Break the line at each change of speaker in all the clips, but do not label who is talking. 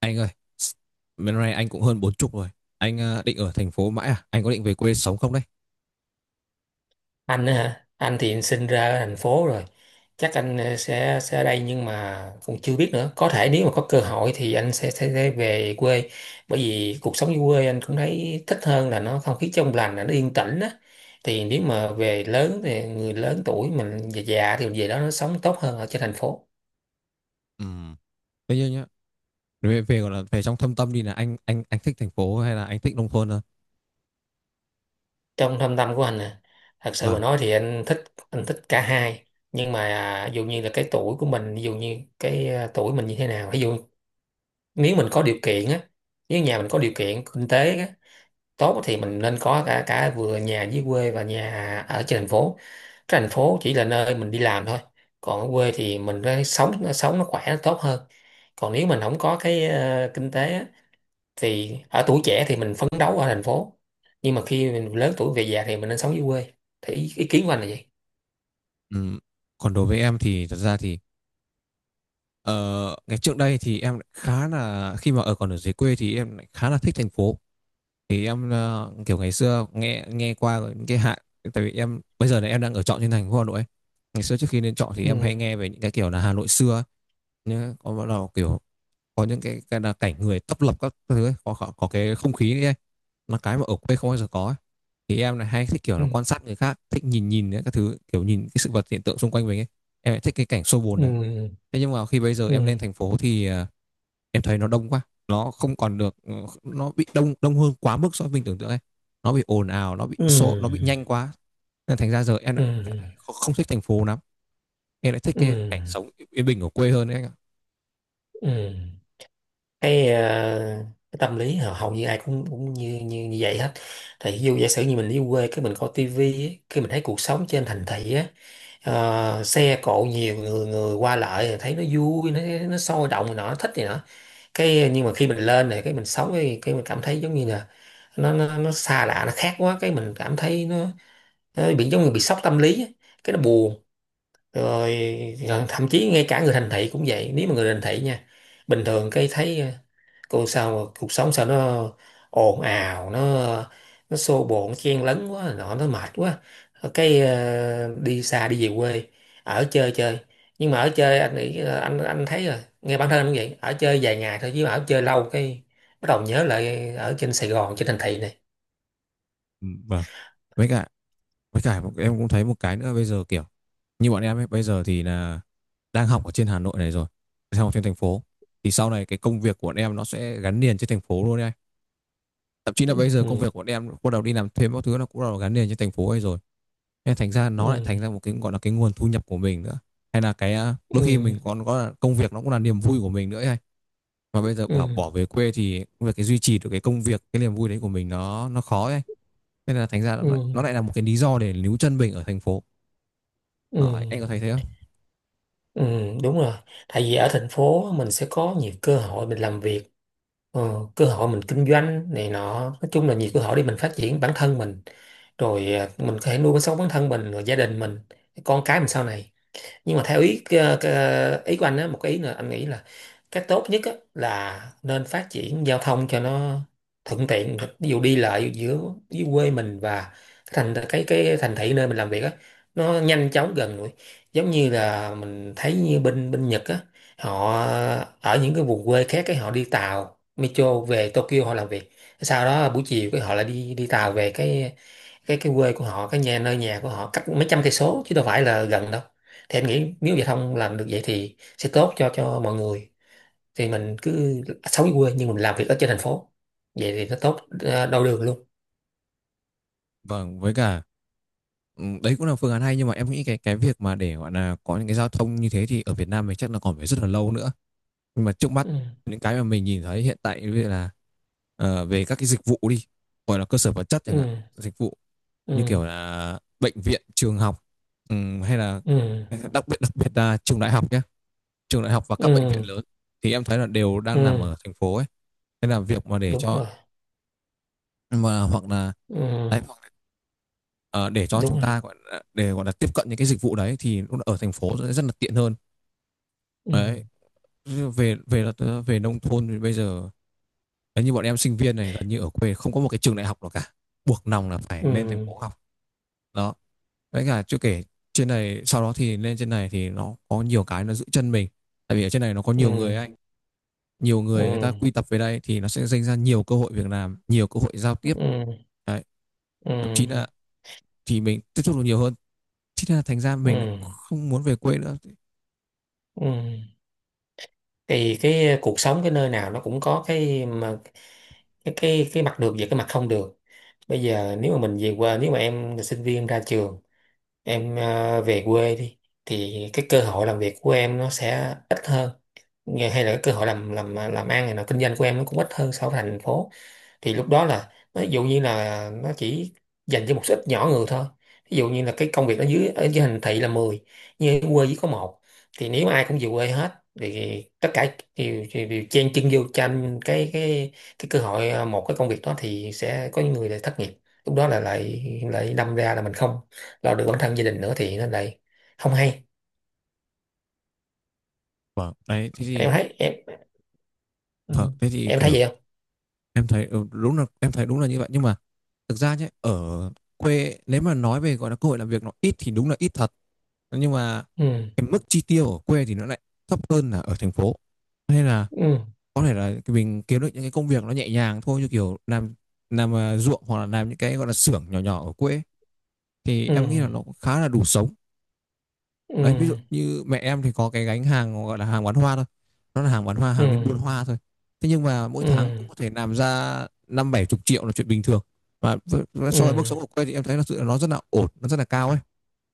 Anh ơi, bên này anh cũng hơn 40 rồi. Anh định ở thành phố mãi à? Anh có định về quê sống không đấy?
Anh á hả? Anh thì sinh ra ở thành phố rồi, chắc anh sẽ ở đây, nhưng mà cũng chưa biết nữa, có thể nếu mà có cơ hội thì anh sẽ về quê. Bởi vì cuộc sống dưới quê anh cũng thấy thích hơn, là nó không khí trong lành, là nó yên tĩnh á. Thì nếu mà về lớn thì người lớn tuổi mình già già thì về đó nó sống tốt hơn ở trên thành phố.
Ừ. Thế nhưng nhá, về gọi là về trong thâm tâm đi là anh thích thành phố hay là anh thích nông thôn hơn?
Trong thâm tâm của anh nè, thật sự mà
Vâng.
nói thì anh thích cả hai. Nhưng mà ví dụ như là cái tuổi của mình, ví dụ như cái tuổi mình như thế nào, ví dụ nếu mình có điều kiện á, nếu nhà mình có điều kiện kinh tế á, tốt thì mình nên có cả cả vừa nhà dưới quê và nhà ở trên thành phố. Cái thành phố chỉ là nơi mình đi làm thôi, còn ở quê thì mình nó sống nó khỏe nó tốt hơn. Còn nếu mình không có cái kinh tế á, thì ở tuổi trẻ thì mình phấn đấu ở thành phố, nhưng mà khi mình lớn tuổi về già thì mình nên sống dưới quê. Thì ý kiến của anh là gì?
Ừm, Còn đối với em thì thật ra thì ờ, ngày trước đây thì em lại khá là khi mà ở còn ở dưới quê thì em lại khá là thích thành phố. Thì em kiểu ngày xưa nghe nghe qua những cái hạn, tại vì em bây giờ này em đang ở trọ trên thành phố Hà Nội ấy. Ngày xưa trước khi lên trọ thì em
Ừ.
hay nghe về những cái kiểu là Hà Nội xưa ấy. Nhá, có bắt đầu kiểu có những cái là cảnh người tấp lập các thứ ấy, có cái không khí ấy, nó cái mà ở quê không bao giờ có ấy. Thì em này hay thích kiểu
Ừ.
là quan sát người khác, thích nhìn nhìn ấy, các thứ kiểu nhìn cái sự vật hiện tượng xung quanh mình ấy. Em lại thích cái cảnh xô bồn đấy.
Ừ.
Thế nhưng mà khi bây giờ
Ừ.
em lên thành phố thì em thấy nó đông quá, nó không còn được nó bị đông đông hơn quá mức so với mình tưởng tượng ấy, nó bị ồn ào, nó bị xô, nó bị
Ừ.
nhanh quá, nên thành ra giờ em
Ừ.
lại không không thích thành phố lắm, em lại thích
Ừ.
cái cảnh sống yên bình ở quê hơn đấy anh ạ.
Ừ. cái, ờ, cái tâm lý hầu hầu như ai cũng cũng như như, như vậy hết. Thì ví dụ giả sử như mình đi quê cái mình coi tivi á, cái mình thấy cuộc sống trên thành thị á, xe cộ, nhiều người người qua lại thì thấy nó vui, nó sôi động này nọ nó thích này nọ. Cái nhưng mà khi mình lên này cái mình sống cái mình cảm thấy giống như là nó xa lạ nó khác quá, cái mình cảm thấy nó bị giống như bị sốc tâm lý á. Cái nó buồn rồi, rồi thậm chí ngay cả người thành thị cũng vậy. Nếu mà người thành thị nha, bình thường cái thấy còn sao mà cuộc sống sao nó ồn ào nó xô bộn chen lấn quá nọ nó mệt quá, cái đi xa đi về quê ở chơi chơi. Nhưng mà ở chơi anh nghĩ là anh thấy rồi, nghe bản thân anh cũng vậy, ở chơi vài ngày thôi chứ mà ở chơi lâu cái bắt đầu nhớ lại ở trên Sài Gòn trên thành thị này.
Ừ, vâng, với cả, với cả em cũng thấy một cái nữa bây giờ kiểu như bọn em ấy, bây giờ thì là đang học ở trên Hà Nội này rồi, đang học trên thành phố. Thì sau này cái công việc của bọn em nó sẽ gắn liền trên thành phố luôn đấy anh. Thậm chí là bây giờ công
Ừ.
việc của bọn em bắt đầu đi làm thêm các thứ nó cũng bắt đầu gắn liền trên thành phố ấy rồi. Nên thành ra
Ừ.
nó lại thành ra một cái gọi là cái nguồn thu nhập của mình nữa. Hay là đôi
Ừ.
khi mình còn có là công việc nó cũng là niềm vui của mình nữa ấy anh. Mà bây giờ bảo
Ừ.
bỏ về quê thì việc cái duy trì được cái công việc, cái niềm vui đấy của mình nó khó ấy. Nên là thành ra
Ừ.
nó lại là một cái lý do để níu chân mình ở thành phố.
Ừ.
Ờ,
Ừ.
anh có thấy thế không?
Ừ, đúng rồi. Tại vì ở thành phố mình sẽ có nhiều cơ hội mình làm việc, cơ hội mình kinh doanh này nọ, nói chung là nhiều cơ hội để mình phát triển bản thân mình, rồi mình có thể nuôi sống bản thân mình rồi gia đình mình con cái mình sau này. Nhưng mà theo ý của anh á, một cái ý nữa anh nghĩ là cái tốt nhất á, là nên phát triển giao thông cho nó thuận tiện, ví dụ đi lại giữa dưới quê mình và cái thành thị nơi mình làm việc á, nó nhanh chóng gần gũi, giống như là mình thấy như bên bên Nhật á. Họ ở những cái vùng quê khác cái họ đi tàu metro về Tokyo họ làm việc, sau đó buổi chiều cái họ lại đi đi tàu về cái quê của họ, cái nhà nơi nhà của họ cách mấy trăm cây số chứ đâu phải là gần đâu. Thì anh nghĩ nếu giao thông làm được vậy thì sẽ tốt cho mọi người, thì mình cứ sống ở quê nhưng mình làm việc ở trên thành phố, vậy thì nó tốt đôi đường luôn.
Vâng, với cả, ừ, đấy cũng là phương án hay, nhưng mà em nghĩ cái việc mà để gọi là có những cái giao thông như thế thì ở Việt Nam mình chắc là còn phải rất là lâu nữa. Nhưng mà trước mắt
Ừ.
những cái mà mình nhìn thấy hiện tại như là về các cái dịch vụ đi, gọi là cơ sở vật chất
Ừ.
chẳng hạn, dịch vụ như
Ừ.
kiểu là bệnh viện, trường học, hay là
Ừ.
đặc biệt là trường đại học nhé, trường đại học và các bệnh viện
Ừ.
lớn thì em thấy là đều đang nằm
Ừ.
ở thành phố ấy. Nên là việc mà để
Đúng
cho,
rồi.
mà hoặc là, đấy,
Ừ.
hoặc là, ờ, để cho chúng
Đúng rồi.
ta gọi là, để gọi là tiếp cận những cái dịch vụ đấy thì lúc ở thành phố sẽ rất là tiện hơn.
Ừ.
Đấy. Như về về là- ờ, về nông thôn thì bây giờ đấy, như bọn em sinh viên này gần như ở quê không có một cái trường đại học nào cả, buộc lòng là phải lên thành
Ừ.
phố học đó. Với cả chưa kể trên này, sau đó thì lên trên này thì nó có nhiều cái nó giữ chân mình, tại vì ở trên này nó có nhiều
Ừ.
người anh, nhiều
Ừ.
người, người ta quy tập về đây thì nó sẽ dành ra nhiều cơ hội việc làm, nhiều cơ hội giao tiếp
Ừ.
đấy,
Ừ.
thậm chí là thì mình tiếp xúc được nhiều hơn, thế nên là thành ra
Ừ.
mình lại không muốn về quê nữa.
Ừ. Thì cái cuộc sống cái nơi nào nó cũng có cái mà cái mặt được và cái mặt không được. Bây giờ nếu mà mình về quê, nếu mà em là sinh viên ra trường, em về quê đi thì cái cơ hội làm việc của em nó sẽ ít hơn, nghề hay là cái cơ hội làm ăn này nọ kinh doanh của em nó cũng ít hơn so với thành phố. Thì lúc đó là ví dụ như là nó chỉ dành cho một số ít nhỏ người thôi, ví dụ như là cái công việc ở dưới thành thị là 10, nhưng ở quê chỉ có một. Thì nếu ai cũng về quê hết thì tất cả đều chen chân vô tranh cái cơ hội một cái công việc đó thì sẽ có những người lại thất nghiệp. Lúc đó là lại lại đâm ra là mình không lo được bản thân gia đình nữa thì nó lại không hay.
Vâng, đấy thế thì,
Em thấy em. Ừ.
vâng thế thì
Em thấy
kiểu
vậy không?
em thấy ừ, đúng là em thấy đúng là như vậy, nhưng mà thực ra nhé, ở quê ấy, nếu mà nói về gọi là cơ hội làm việc nó ít thì đúng là ít thật, nhưng mà
Ừ.
cái mức chi tiêu ở quê thì nó lại thấp hơn là ở thành phố, nên là
Ừ.
có thể là mình kiếm được những cái công việc nó nhẹ nhàng thôi, như kiểu làm ruộng hoặc là làm những cái gọi là xưởng nhỏ nhỏ ở quê ấy, thì
Ừ.
em nghĩ là nó cũng khá là đủ sống.
Ừ.
Đấy, ví dụ như mẹ em thì có cái gánh hàng gọi là hàng bán hoa thôi, nó là hàng bán hoa,
Ừ.
hàng đi buôn hoa thôi, thế nhưng mà mỗi tháng cũng
Ừ.
có thể làm ra 50-70 triệu là chuyện bình thường. Và
Ừ.
so với mức sống ở quê thì em thấy là sự nó rất là ổn, nó rất là cao ấy.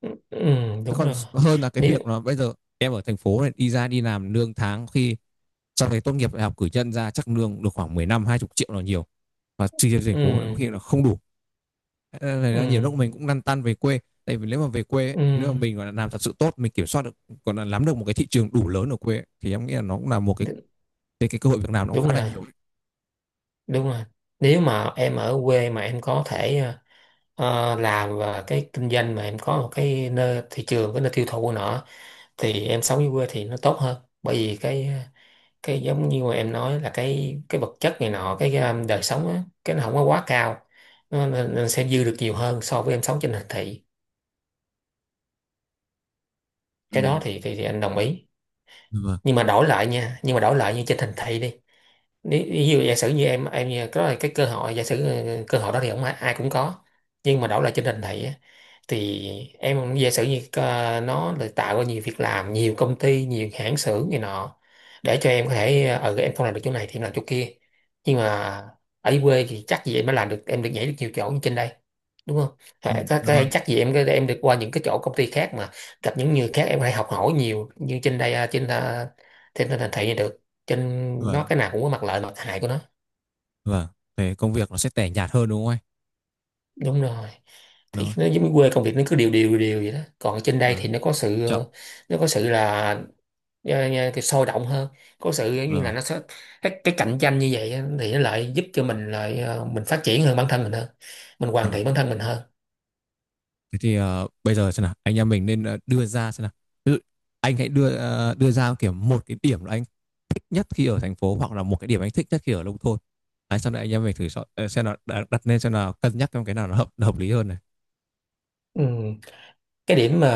Ừ. Ừ,
Thế
đúng
còn
rồi.
hơn là cái
Nếu.
việc là bây giờ em ở thành phố này đi ra đi làm lương tháng khi sau này tốt nghiệp đại học cử nhân ra chắc lương được khoảng 15 hai 20 triệu là nhiều, và chi tiêu thành phố có
Ừ.
khi là không đủ. Ờ, là nhiều lúc
Ừ.
mình cũng lăn tăn về quê, tại vì nếu mà về quê ấy,
Ừ.
nếu mà mình gọi là làm thật sự tốt, mình kiểm soát được, còn là nắm được một cái thị trường đủ lớn ở quê ấy, thì em nghĩ là nó cũng là một
đ-
cái cơ hội việc làm nó cũng
Đúng
khá là
rồi,
nhiều đấy.
đúng rồi. Nếu mà em ở quê mà em có thể làm và cái kinh doanh mà em có một cái nơi thị trường, cái nơi tiêu thụ của nó thì em sống dưới quê thì nó tốt hơn. Bởi vì cái giống như mà em nói là cái vật chất này nọ cái, đời sống á cái nó không có quá cao, nó sẽ dư được nhiều hơn so với em sống trên thành thị.
Ừ.
Cái đó thì anh đồng ý.
Dạ vâng.
Nhưng mà đổi lại nha, nhưng mà đổi lại như trên thành thị đi, nếu ví dụ giả sử như em như có cái cơ hội giả sử cơ hội đó thì không ai, ai cũng có. Nhưng mà đổi lại trên nền này á, thì em giả sử như nó là tạo ra nhiều việc làm nhiều công ty nhiều hãng xưởng này nọ để cho em có thể em không làm được chỗ này thì em làm chỗ kia. Nhưng mà ở quê thì chắc gì em mới làm được, em được nhảy được nhiều chỗ như trên đây, đúng không?
Ừ.
Có
Dạ
thể
vâng.
chắc gì em được qua những cái chỗ công ty khác mà gặp những người khác em có thể học hỏi nhiều như trên đây trên thành thị này được. Trên nó
Vâng.
cái nào cũng có mặt lợi mặt hại của nó.
Vâng. Về công việc nó sẽ tẻ nhạt hơn đúng không anh?
Đúng rồi.
Đúng
Thì
không?
nó giống như quê công việc nó cứ đều đều đều vậy đó, còn trên đây
Vâng.
thì
Chậm.
nó có sự là cái sôi động hơn, có sự giống
Dạ
như là
vâng.
nó sẽ cái cạnh tranh như vậy á, thì nó lại giúp cho mình lại mình phát triển hơn bản thân mình hơn, mình
Dạ
hoàn
vâng.
thiện bản thân mình hơn.
Thế thì bây giờ xem nào, anh em mình nên đưa ra xem nào. Ví dụ, anh hãy đưa đưa ra kiểu một cái điểm là anh thích nhất khi ở thành phố hoặc là một cái điểm anh thích nhất khi ở nông thôn. Đấy, sau này anh em mình thử so, xem là đặt lên xem là cân nhắc trong cái nào nó hợp lý hơn này.
Ừ. cái điểm mà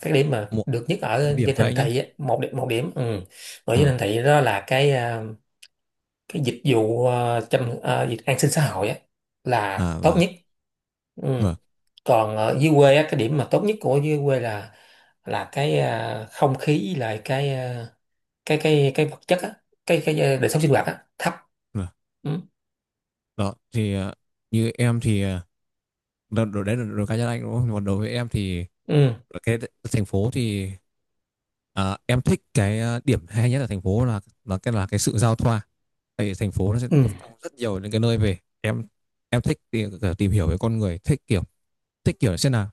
cái điểm mà
Một
được nhất
Một
ở
điểm
trên
thôi
thành
anh nhá.
thị á, một điểm một điểm. Ừ. Ở trên
Ờ,
thành thị đó là cái dịch vụ dịch an sinh xã hội á là
à,
tốt
và
nhất. Ừ.
vâng,
Còn ở dưới quê á cái điểm mà tốt nhất của dưới quê là cái không khí với lại cái cái vật chất á đời sống sinh hoạt á thấp.
vâng.
Ừ.
Đó thì như em thì đó, đấy là đối cá nhân anh đúng không? Còn đối với em thì
Ừ.
cái thành phố thì, à, em thích điểm hay nhất ở thành phố là là cái sự giao thoa. Tại vì thành phố nó sẽ
Ừ.
tập trung rất nhiều những cái nơi về. Em thích tìm hiểu về con người, thích kiểu, thích kiểu xem là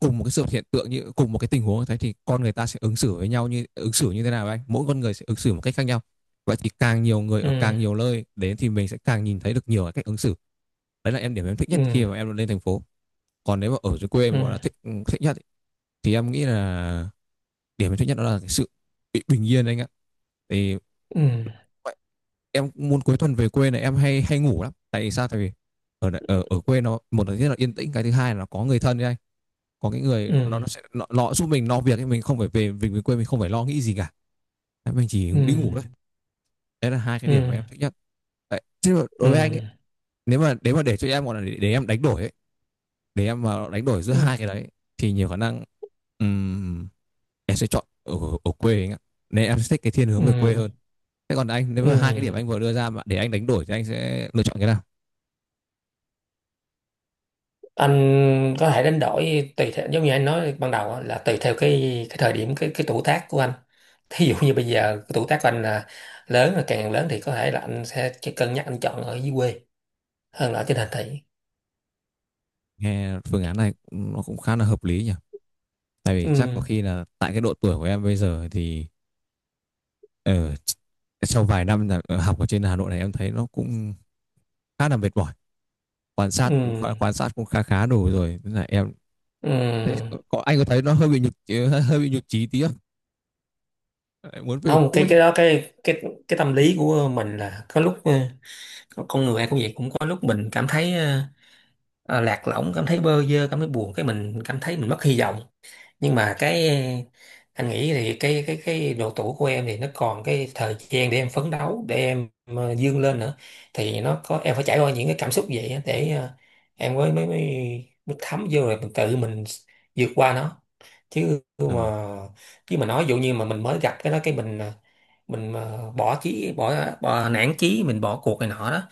cùng một cái sự hiện tượng, như cùng một cái tình huống như thế thì con người ta sẽ ứng xử với nhau như ứng xử như thế nào anh? Mỗi con người sẽ ứng xử một cách khác nhau. Vậy thì càng nhiều người ở
Ừ.
càng nhiều nơi đến thì mình sẽ càng nhìn thấy được nhiều cái cách ứng xử. Đấy là em điểm em thích nhất
Ừ.
khi mà em lên thành phố. Còn nếu mà ở dưới quê
Ừ.
em gọi là thích, ừ, thích nhất, thì em nghĩ là điểm thứ nhất đó là cái sự bị bình yên anh ạ. Thì
Ừ.
vậy, em muốn cuối tuần về quê này em hay hay ngủ lắm, tại vì sao, tại vì ở ở quê nó, một là rất là yên tĩnh, cái thứ hai là có người thân ấy anh, có cái người
Ừ.
nó sẽ nó giúp mình lo việc ấy, mình không phải về, mình về quê mình không phải lo nghĩ gì cả. Đấy, mình chỉ đi
Ừ.
ngủ thôi. Đấy là hai cái điểm mà
Ừ.
em thích nhất đấy. Chứ mà
Ừ.
đối với anh ấy, nếu mà để cho em gọi là để em đánh đổi ấy, nếu em mà đánh đổi giữa
Ừ.
hai cái đấy, thì nhiều khả năng, ừm, em sẽ chọn ở quê anh ạ, nên em sẽ thích cái thiên
Ừ.
hướng về quê hơn. Thế còn anh, nếu mà hai cái
Ừ.
điểm anh vừa đưa ra mà để anh đánh đổi thì anh sẽ lựa chọn cái nào?
Anh có thể đánh đổi tùy theo giống như anh nói ban đầu á, là tùy theo cái thời điểm cái tuổi tác của anh. Thí dụ như bây giờ cái tuổi tác của anh là lớn, là càng lớn thì có thể là anh sẽ chỉ cân nhắc anh chọn ở dưới quê hơn là ở trên thành thị.
Nghe phương án này nó cũng khá là hợp lý nhỉ, tại vì chắc có
Ừ.
khi là tại cái độ tuổi của em bây giờ thì ở sau vài năm là học ở trên Hà Nội này em thấy nó cũng khá là mệt mỏi,
Ừ.
quan sát cũng khá khá đủ rồi nên là em thế
Ừ.
anh có thấy nó hơi bị nhục, hơi bị nhục chí tí không? Lại muốn về
Không, cái
quê.
cái đó cái tâm lý của mình là có lúc con người ai cũng vậy, cũng có lúc mình cảm thấy lạc lõng, cảm thấy bơ vơ, cảm thấy buồn, cái mình cảm thấy mình mất hy vọng. Nhưng mà cái anh nghĩ thì cái độ tuổi của em thì nó còn cái thời gian để em phấn đấu, để em vươn lên nữa, thì nó có em phải trải qua những cái cảm xúc vậy á để em mới thấm vô rồi mình tự mình vượt qua nó. chứ mà
Ờ.
chứ mà nói dụ như mà mình mới gặp cái đó cái mình mình mà bỏ nản chí, mình bỏ cuộc này nọ đó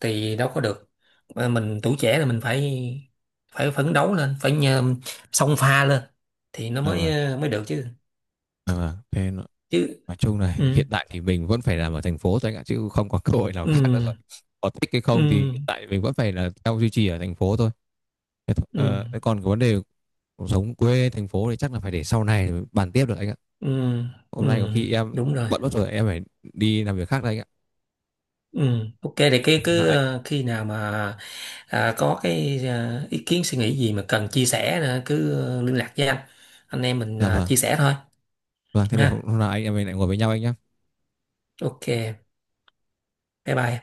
thì đâu có được. Mà mình tuổi trẻ là mình phải phải phấn đấu lên, phải xông pha lên thì nó
Dạ
mới
vâng,
mới được chứ.
dạ vâng.
Chứ.
Nói chung là
Ừ.
hiện tại thì mình vẫn phải làm ở thành phố thôi anh ạ, chứ không có cơ hội nào
Ừ.
khác nữa rồi. Có thích hay không thì
Ừ.
hiện tại mình vẫn phải là theo duy trì ở thành phố thôi. Thế,
Ừ.
thế còn cái vấn đề cuộc sống quê thành phố thì chắc là phải để sau này bàn tiếp được anh ạ.
Ừ. Ừ,
Hôm nay có khi em
đúng rồi.
bận mất rồi, em phải đi làm việc khác đây anh ạ.
Ừ, ok thì cái
Dạ,
cứ
ạ.
khi nào mà. À, có cái ý kiến suy nghĩ gì mà cần chia sẻ nữa, cứ liên lạc với anh em mình
Dạ vâng.
chia sẻ thôi.
Vâng, thế để hôm
Ha.
hôm nào anh em mình lại ngồi với nhau anh nhé.
Ok, bye bye.